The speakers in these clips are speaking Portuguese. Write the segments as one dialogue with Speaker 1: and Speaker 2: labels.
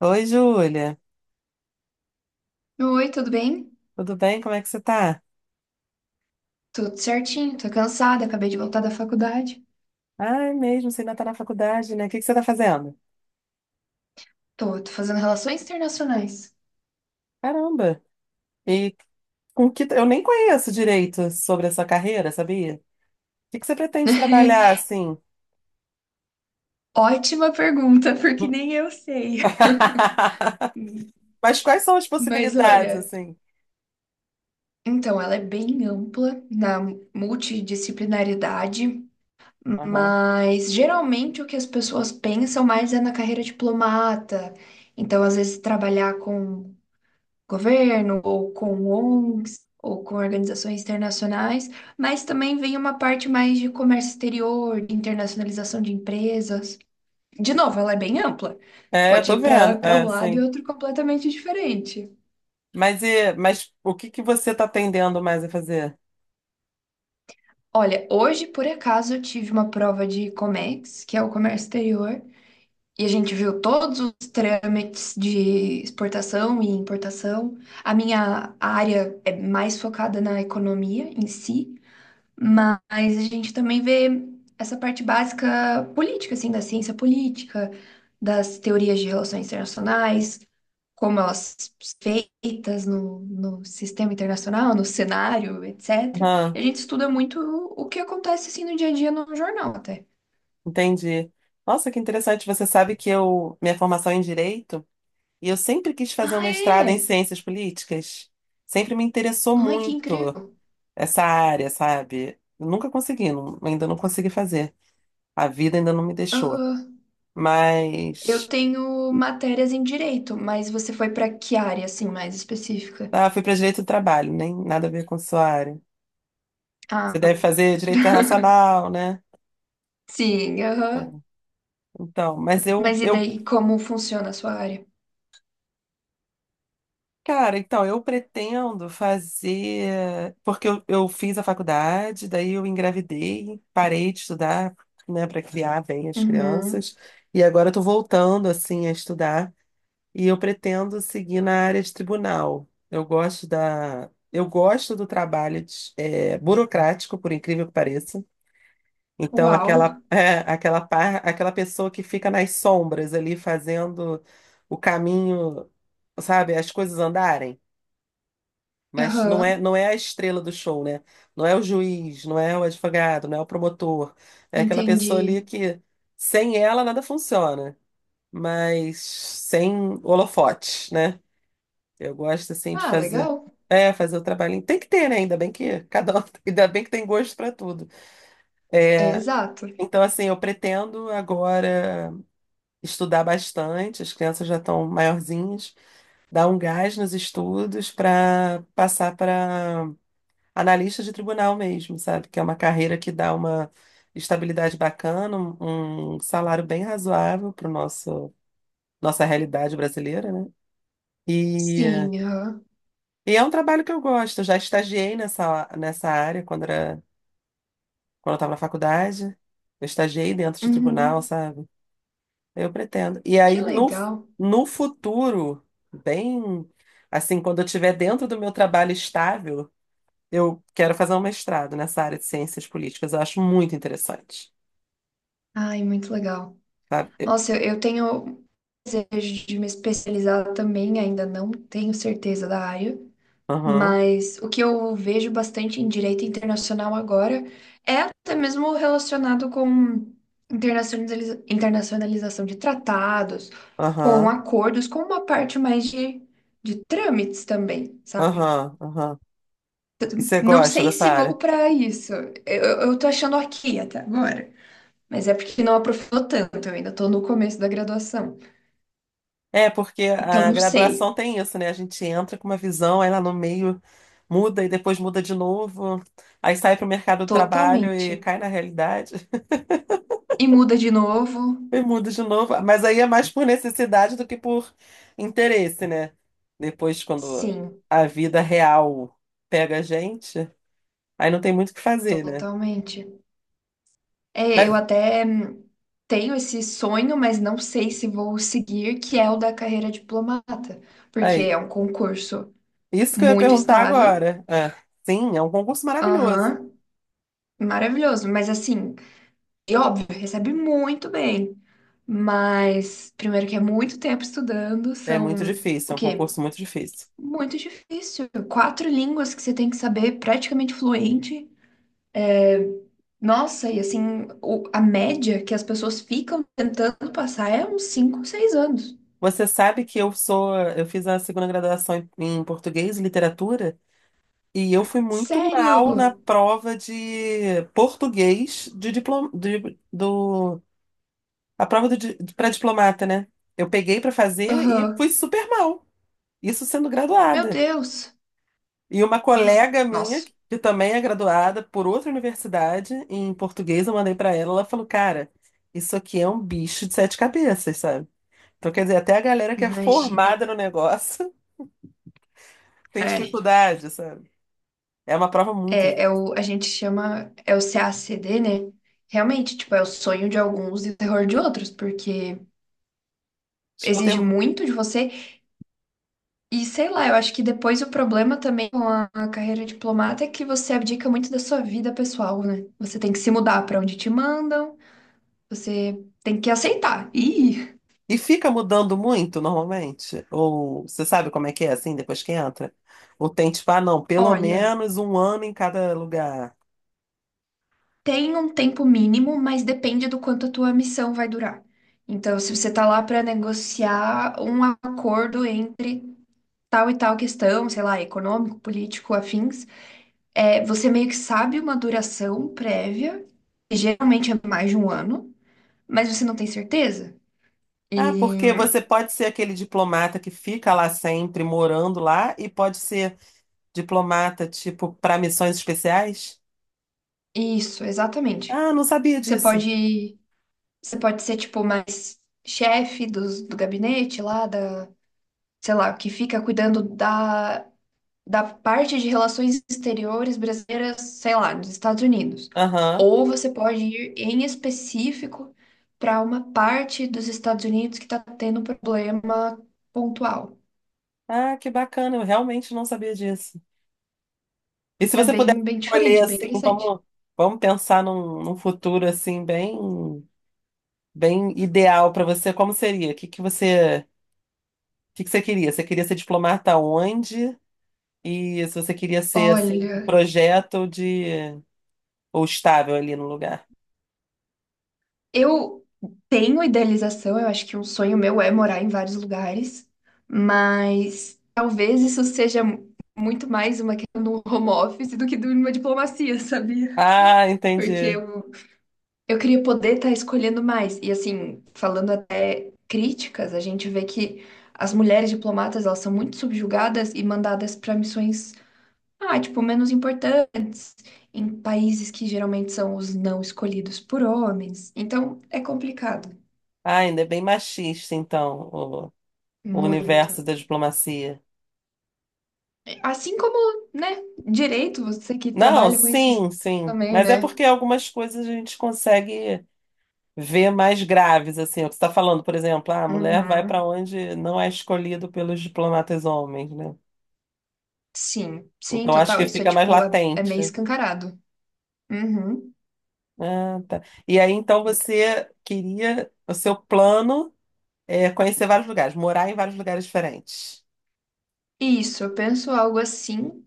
Speaker 1: Oi, Júlia.
Speaker 2: Oi, tudo bem?
Speaker 1: Tudo bem? Como é que você tá?
Speaker 2: Tudo certinho, tô cansada, acabei de voltar da faculdade.
Speaker 1: Ai, mesmo, você ainda tá na faculdade, né? O que você tá fazendo?
Speaker 2: Tô fazendo relações internacionais.
Speaker 1: Caramba! E com que eu nem conheço direito sobre a sua carreira, sabia? O que você pretende trabalhar assim?
Speaker 2: Ótima pergunta, porque nem eu sei. Hum,
Speaker 1: Mas quais são as
Speaker 2: Mas
Speaker 1: possibilidades
Speaker 2: olha,
Speaker 1: assim?
Speaker 2: então ela é bem ampla na multidisciplinaridade,
Speaker 1: Aham.
Speaker 2: mas geralmente o que as pessoas pensam mais é na carreira diplomata. Então, às vezes, trabalhar com governo, ou com ONGs, ou com organizações internacionais, mas também vem uma parte mais de comércio exterior, de internacionalização de empresas. De novo, ela é bem ampla.
Speaker 1: É, eu
Speaker 2: Pode
Speaker 1: tô
Speaker 2: ir para
Speaker 1: vendo.
Speaker 2: para um
Speaker 1: É,
Speaker 2: lado e
Speaker 1: sim.
Speaker 2: outro completamente diferente.
Speaker 1: Mas o que você tá tendendo mais a fazer?
Speaker 2: Olha, hoje, por acaso, eu tive uma prova de COMEX, que é o comércio exterior, e a gente viu todos os trâmites de exportação e importação. A minha área é mais focada na economia em si, mas a gente também vê essa parte básica política, assim, da ciência política, das teorias de relações internacionais, como elas são feitas no sistema internacional, no cenário, etc. E
Speaker 1: Aham,
Speaker 2: a gente estuda muito o que acontece, assim, no dia a dia no jornal, até.
Speaker 1: entendi. Nossa, que interessante. Você sabe que eu, minha formação é em direito, e eu sempre quis fazer um
Speaker 2: Ah,
Speaker 1: mestrado em
Speaker 2: é?
Speaker 1: ciências políticas. Sempre me interessou
Speaker 2: Ai, que
Speaker 1: muito
Speaker 2: incrível.
Speaker 1: essa área, sabe? Eu Nunca consegui, não- Ainda não consegui fazer. A vida ainda não me deixou.
Speaker 2: Aham. Eu
Speaker 1: Mas
Speaker 2: tenho matérias em direito, mas você foi para que área, assim, mais específica?
Speaker 1: ah, fui para direito do trabalho, nem nada a ver com a sua área. Você
Speaker 2: Ah,
Speaker 1: deve fazer direito internacional, né?
Speaker 2: sim,
Speaker 1: Ah,
Speaker 2: aham.
Speaker 1: então, mas
Speaker 2: Mas e
Speaker 1: eu
Speaker 2: daí, como funciona a sua área?
Speaker 1: cara, então, eu pretendo fazer. Porque eu fiz a faculdade, daí eu engravidei, parei de estudar, né, para criar bem as
Speaker 2: Uhum.
Speaker 1: crianças, e agora eu tô voltando, assim, a estudar, e eu pretendo seguir na área de tribunal. Eu gosto da. Eu gosto do trabalho burocrático, por incrível que pareça. Então,
Speaker 2: Uau.
Speaker 1: aquela pessoa que fica nas sombras ali fazendo o caminho, sabe, as coisas andarem. Mas não é,
Speaker 2: Aham.
Speaker 1: não é a estrela do show, né? Não é o juiz, não é o advogado, não é o promotor. É aquela pessoa ali
Speaker 2: Entendi.
Speaker 1: que sem ela nada funciona, mas sem holofotes, né? Eu gosto assim de
Speaker 2: Ah,
Speaker 1: fazer,
Speaker 2: legal.
Speaker 1: fazer o trabalhinho. Tem que ter, né? Ainda bem que cada um, ainda bem que tem gosto para tudo.
Speaker 2: É exato.
Speaker 1: Então assim, eu pretendo agora estudar bastante, as crianças já estão maiorzinhas, dar um gás nos estudos para passar para analista de tribunal mesmo, sabe? Que é uma carreira que dá uma estabilidade bacana, um salário bem razoável para nosso nossa realidade brasileira, né? E,
Speaker 2: Sim, aham.
Speaker 1: e é um trabalho que eu gosto. Eu já estagiei nessa área quando eu estava na faculdade. Eu estagiei dentro de tribunal,
Speaker 2: Uhum.
Speaker 1: sabe? Eu pretendo. E aí,
Speaker 2: Que
Speaker 1: no,
Speaker 2: legal.
Speaker 1: No futuro, bem assim, quando eu estiver dentro do meu trabalho estável, eu quero fazer um mestrado nessa área de ciências políticas. Eu acho muito interessante.
Speaker 2: Ai, muito legal.
Speaker 1: Sabe?
Speaker 2: Nossa, eu tenho desejo de me especializar também, ainda não tenho certeza da área,
Speaker 1: Aham,
Speaker 2: mas o que eu vejo bastante em direito internacional agora é até mesmo relacionado com internacionalização de tratados, com
Speaker 1: aham,
Speaker 2: acordos, com uma parte mais de trâmites também, sabe?
Speaker 1: aham, aham. E você
Speaker 2: Não
Speaker 1: gosta
Speaker 2: sei
Speaker 1: dessa
Speaker 2: se vou
Speaker 1: área?
Speaker 2: para isso. Eu tô achando aqui até agora. Mas é porque não aprofundou tanto, eu ainda tô no começo da graduação.
Speaker 1: É, porque
Speaker 2: Então
Speaker 1: a
Speaker 2: não sei,
Speaker 1: graduação tem isso, né? A gente entra com uma visão, aí lá no meio muda e depois muda de novo, aí sai para o mercado do trabalho e
Speaker 2: totalmente.
Speaker 1: cai na realidade
Speaker 2: E muda de novo?
Speaker 1: e muda de novo. Mas aí é mais por necessidade do que por interesse, né? Depois, quando
Speaker 2: Sim,
Speaker 1: a vida real pega a gente, aí não tem muito o que fazer, né?
Speaker 2: totalmente. É, eu
Speaker 1: Mas
Speaker 2: até tenho esse sonho, mas não sei se vou seguir, que é o da carreira diplomata, porque
Speaker 1: aí,
Speaker 2: é um concurso
Speaker 1: isso que eu ia
Speaker 2: muito
Speaker 1: perguntar
Speaker 2: estável,
Speaker 1: agora. É. Sim, é um concurso maravilhoso.
Speaker 2: aham, maravilhoso, mas assim, e óbvio, recebe muito bem, mas primeiro que é muito tempo estudando,
Speaker 1: É muito
Speaker 2: são o
Speaker 1: difícil, é um
Speaker 2: quê?
Speaker 1: concurso muito difícil.
Speaker 2: Muito difícil, quatro línguas que você tem que saber praticamente fluente. Nossa, e assim, a média que as pessoas ficam tentando passar é uns 5, 6 anos.
Speaker 1: Você sabe que eu fiz a segunda graduação em, em português e literatura e eu fui muito
Speaker 2: Sério?
Speaker 1: mal na prova de português de diploma, de- do, a prova do, para diplomata, né? Eu peguei para fazer e
Speaker 2: Aham.
Speaker 1: fui super mal, isso sendo
Speaker 2: Meu
Speaker 1: graduada.
Speaker 2: Deus.
Speaker 1: E uma
Speaker 2: Ah,
Speaker 1: colega minha,
Speaker 2: nossa,
Speaker 1: que também é graduada por outra universidade em português, eu mandei para ela, ela falou, cara, isso aqui é um bicho de sete cabeças, sabe? Então, quer dizer, até a galera que é
Speaker 2: imagina.
Speaker 1: formada no negócio tem
Speaker 2: É,
Speaker 1: dificuldade, sabe? É uma prova muito
Speaker 2: é
Speaker 1: difícil.
Speaker 2: o, a gente chama, é o CACD, né? Realmente, tipo, é o sonho de alguns e o terror de outros, porque
Speaker 1: Acho que eu
Speaker 2: exige
Speaker 1: tenho.
Speaker 2: muito de você. E sei lá, eu acho que depois o problema também com a carreira diplomata é que você abdica muito da sua vida pessoal, né? Você tem que se mudar pra onde te mandam. Você tem que aceitar. E,
Speaker 1: E fica mudando muito normalmente? Ou você sabe como é que é assim depois que entra? Ou tem tipo, ah, não, pelo
Speaker 2: olha,
Speaker 1: menos um ano em cada lugar.
Speaker 2: tem um tempo mínimo, mas depende do quanto a tua missão vai durar. Então, se você tá lá para negociar um acordo entre tal e tal questão, sei lá, econômico, político, afins, é, você meio que sabe uma duração prévia, que geralmente é mais de um ano, mas você não tem certeza.
Speaker 1: Ah,
Speaker 2: E
Speaker 1: porque você pode ser aquele diplomata que fica lá sempre, morando lá, e pode ser diplomata, tipo, para missões especiais?
Speaker 2: isso, exatamente.
Speaker 1: Ah, não sabia
Speaker 2: Você
Speaker 1: disso.
Speaker 2: pode, você pode ser tipo mais chefe do gabinete lá da sei lá, que fica cuidando da parte de relações exteriores brasileiras, sei lá, nos Estados Unidos.
Speaker 1: Aham.
Speaker 2: Ou você pode ir em específico para uma parte dos Estados Unidos que está tendo um problema pontual.
Speaker 1: Ah, que bacana, eu realmente não sabia disso. E se
Speaker 2: É
Speaker 1: você puder
Speaker 2: bem, bem
Speaker 1: escolher
Speaker 2: diferente, bem
Speaker 1: assim,
Speaker 2: interessante.
Speaker 1: vamos pensar num futuro assim bem bem ideal para você, como seria? O que você queria? Você queria ser diplomata onde? E se você queria ser assim, de
Speaker 2: Olha,
Speaker 1: projeto ou estável ali no lugar?
Speaker 2: eu tenho idealização, eu acho que um sonho meu é morar em vários lugares, mas talvez isso seja muito mais uma questão do home office do que de uma diplomacia, sabia?
Speaker 1: Ah,
Speaker 2: Porque
Speaker 1: entendi.
Speaker 2: eu queria poder estar escolhendo mais. E assim, falando até críticas, a gente vê que as mulheres diplomatas, elas são muito subjugadas e mandadas para missões, ah, tipo, menos importantes, em países que geralmente são os não escolhidos por homens. Então, é complicado.
Speaker 1: Ah, ainda é bem machista então, o
Speaker 2: Muito.
Speaker 1: universo da diplomacia.
Speaker 2: Assim como, né, direito, você que
Speaker 1: Não,
Speaker 2: trabalha com isso você
Speaker 1: sim, sim,
Speaker 2: também,
Speaker 1: mas é
Speaker 2: né?
Speaker 1: porque algumas coisas a gente consegue ver mais graves, assim, é o que você está falando, por exemplo, ah, a mulher vai para
Speaker 2: Uhum.
Speaker 1: onde não é escolhido pelos diplomatas homens, né?
Speaker 2: Sim, sim,
Speaker 1: Então acho
Speaker 2: total.
Speaker 1: que
Speaker 2: Isso é
Speaker 1: fica mais
Speaker 2: tipo, é
Speaker 1: latente.
Speaker 2: meio escancarado. Uhum.
Speaker 1: Ah, tá. E aí então você queria, o seu plano é conhecer vários lugares, morar em vários lugares diferentes.
Speaker 2: Isso, eu penso algo assim,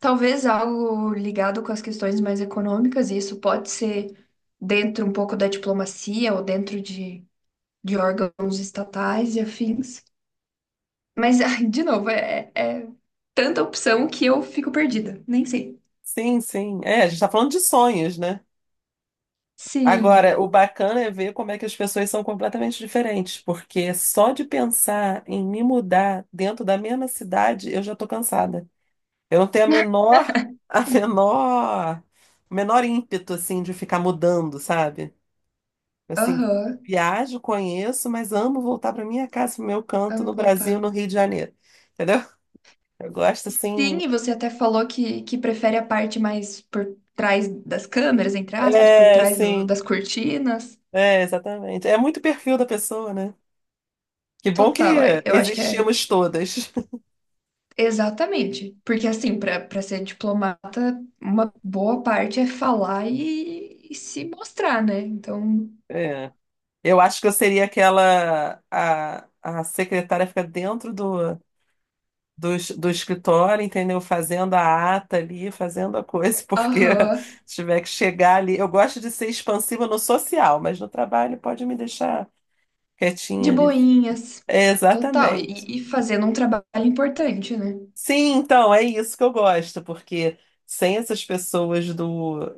Speaker 2: talvez algo ligado com as questões mais econômicas, e isso pode ser dentro um pouco da diplomacia ou dentro de órgãos estatais e afins. Mas, ai, de novo, é tanta opção que eu fico perdida, nem sei.
Speaker 1: Sim, sim. É, a gente está falando de sonhos, né?
Speaker 2: Sim,
Speaker 1: Agora, o bacana é ver como é que as pessoas são completamente diferentes, porque só de pensar em me mudar dentro da mesma cidade, eu já tô cansada. Eu não tenho a menor, a menor, o menor ímpeto assim de ficar mudando, sabe? Assim,
Speaker 2: aham,
Speaker 1: viajo, conheço, mas amo voltar para minha casa, pro meu canto
Speaker 2: amo
Speaker 1: no Brasil,
Speaker 2: voltar.
Speaker 1: no Rio de Janeiro. Entendeu? Eu gosto
Speaker 2: Sim,
Speaker 1: assim.
Speaker 2: e você até falou que prefere a parte mais por trás das câmeras, entre aspas, por
Speaker 1: É,
Speaker 2: trás
Speaker 1: sim.
Speaker 2: das cortinas.
Speaker 1: É, exatamente. É muito perfil da pessoa, né? Que bom
Speaker 2: Total, é,
Speaker 1: que
Speaker 2: eu acho que é.
Speaker 1: existimos todas.
Speaker 2: Exatamente. Porque, assim, para ser diplomata, uma boa parte é falar e se mostrar, né? Então,
Speaker 1: É. Eu acho que eu seria a secretária fica dentro do escritório, entendeu? Fazendo a ata ali, fazendo a coisa, porque
Speaker 2: aham,
Speaker 1: se tiver que chegar ali. Eu gosto de ser expansiva no social, mas no trabalho pode me deixar
Speaker 2: de
Speaker 1: quietinha ali.
Speaker 2: boinhas,
Speaker 1: É,
Speaker 2: total.
Speaker 1: exatamente.
Speaker 2: E fazendo um trabalho importante, né?
Speaker 1: Sim, então, é isso que eu gosto, porque sem essas pessoas do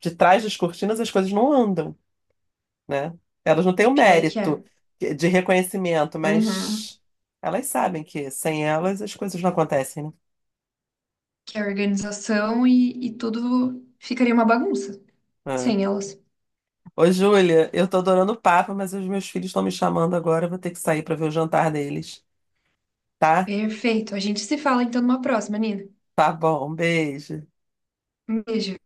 Speaker 1: de trás das cortinas as coisas não andam. Né? Elas não têm o
Speaker 2: Pior que
Speaker 1: mérito
Speaker 2: é.
Speaker 1: de reconhecimento,
Speaker 2: Uhum.
Speaker 1: mas elas sabem que sem elas as coisas não acontecem, né?
Speaker 2: Que é organização e tudo ficaria uma bagunça
Speaker 1: Ah.
Speaker 2: sem elas.
Speaker 1: Ô, Júlia, eu tô adorando o papo, mas os meus filhos estão me chamando agora, eu vou ter que sair para ver o jantar deles, tá?
Speaker 2: Perfeito. A gente se fala então numa próxima, Nina.
Speaker 1: Tá bom, um beijo.
Speaker 2: Um beijo.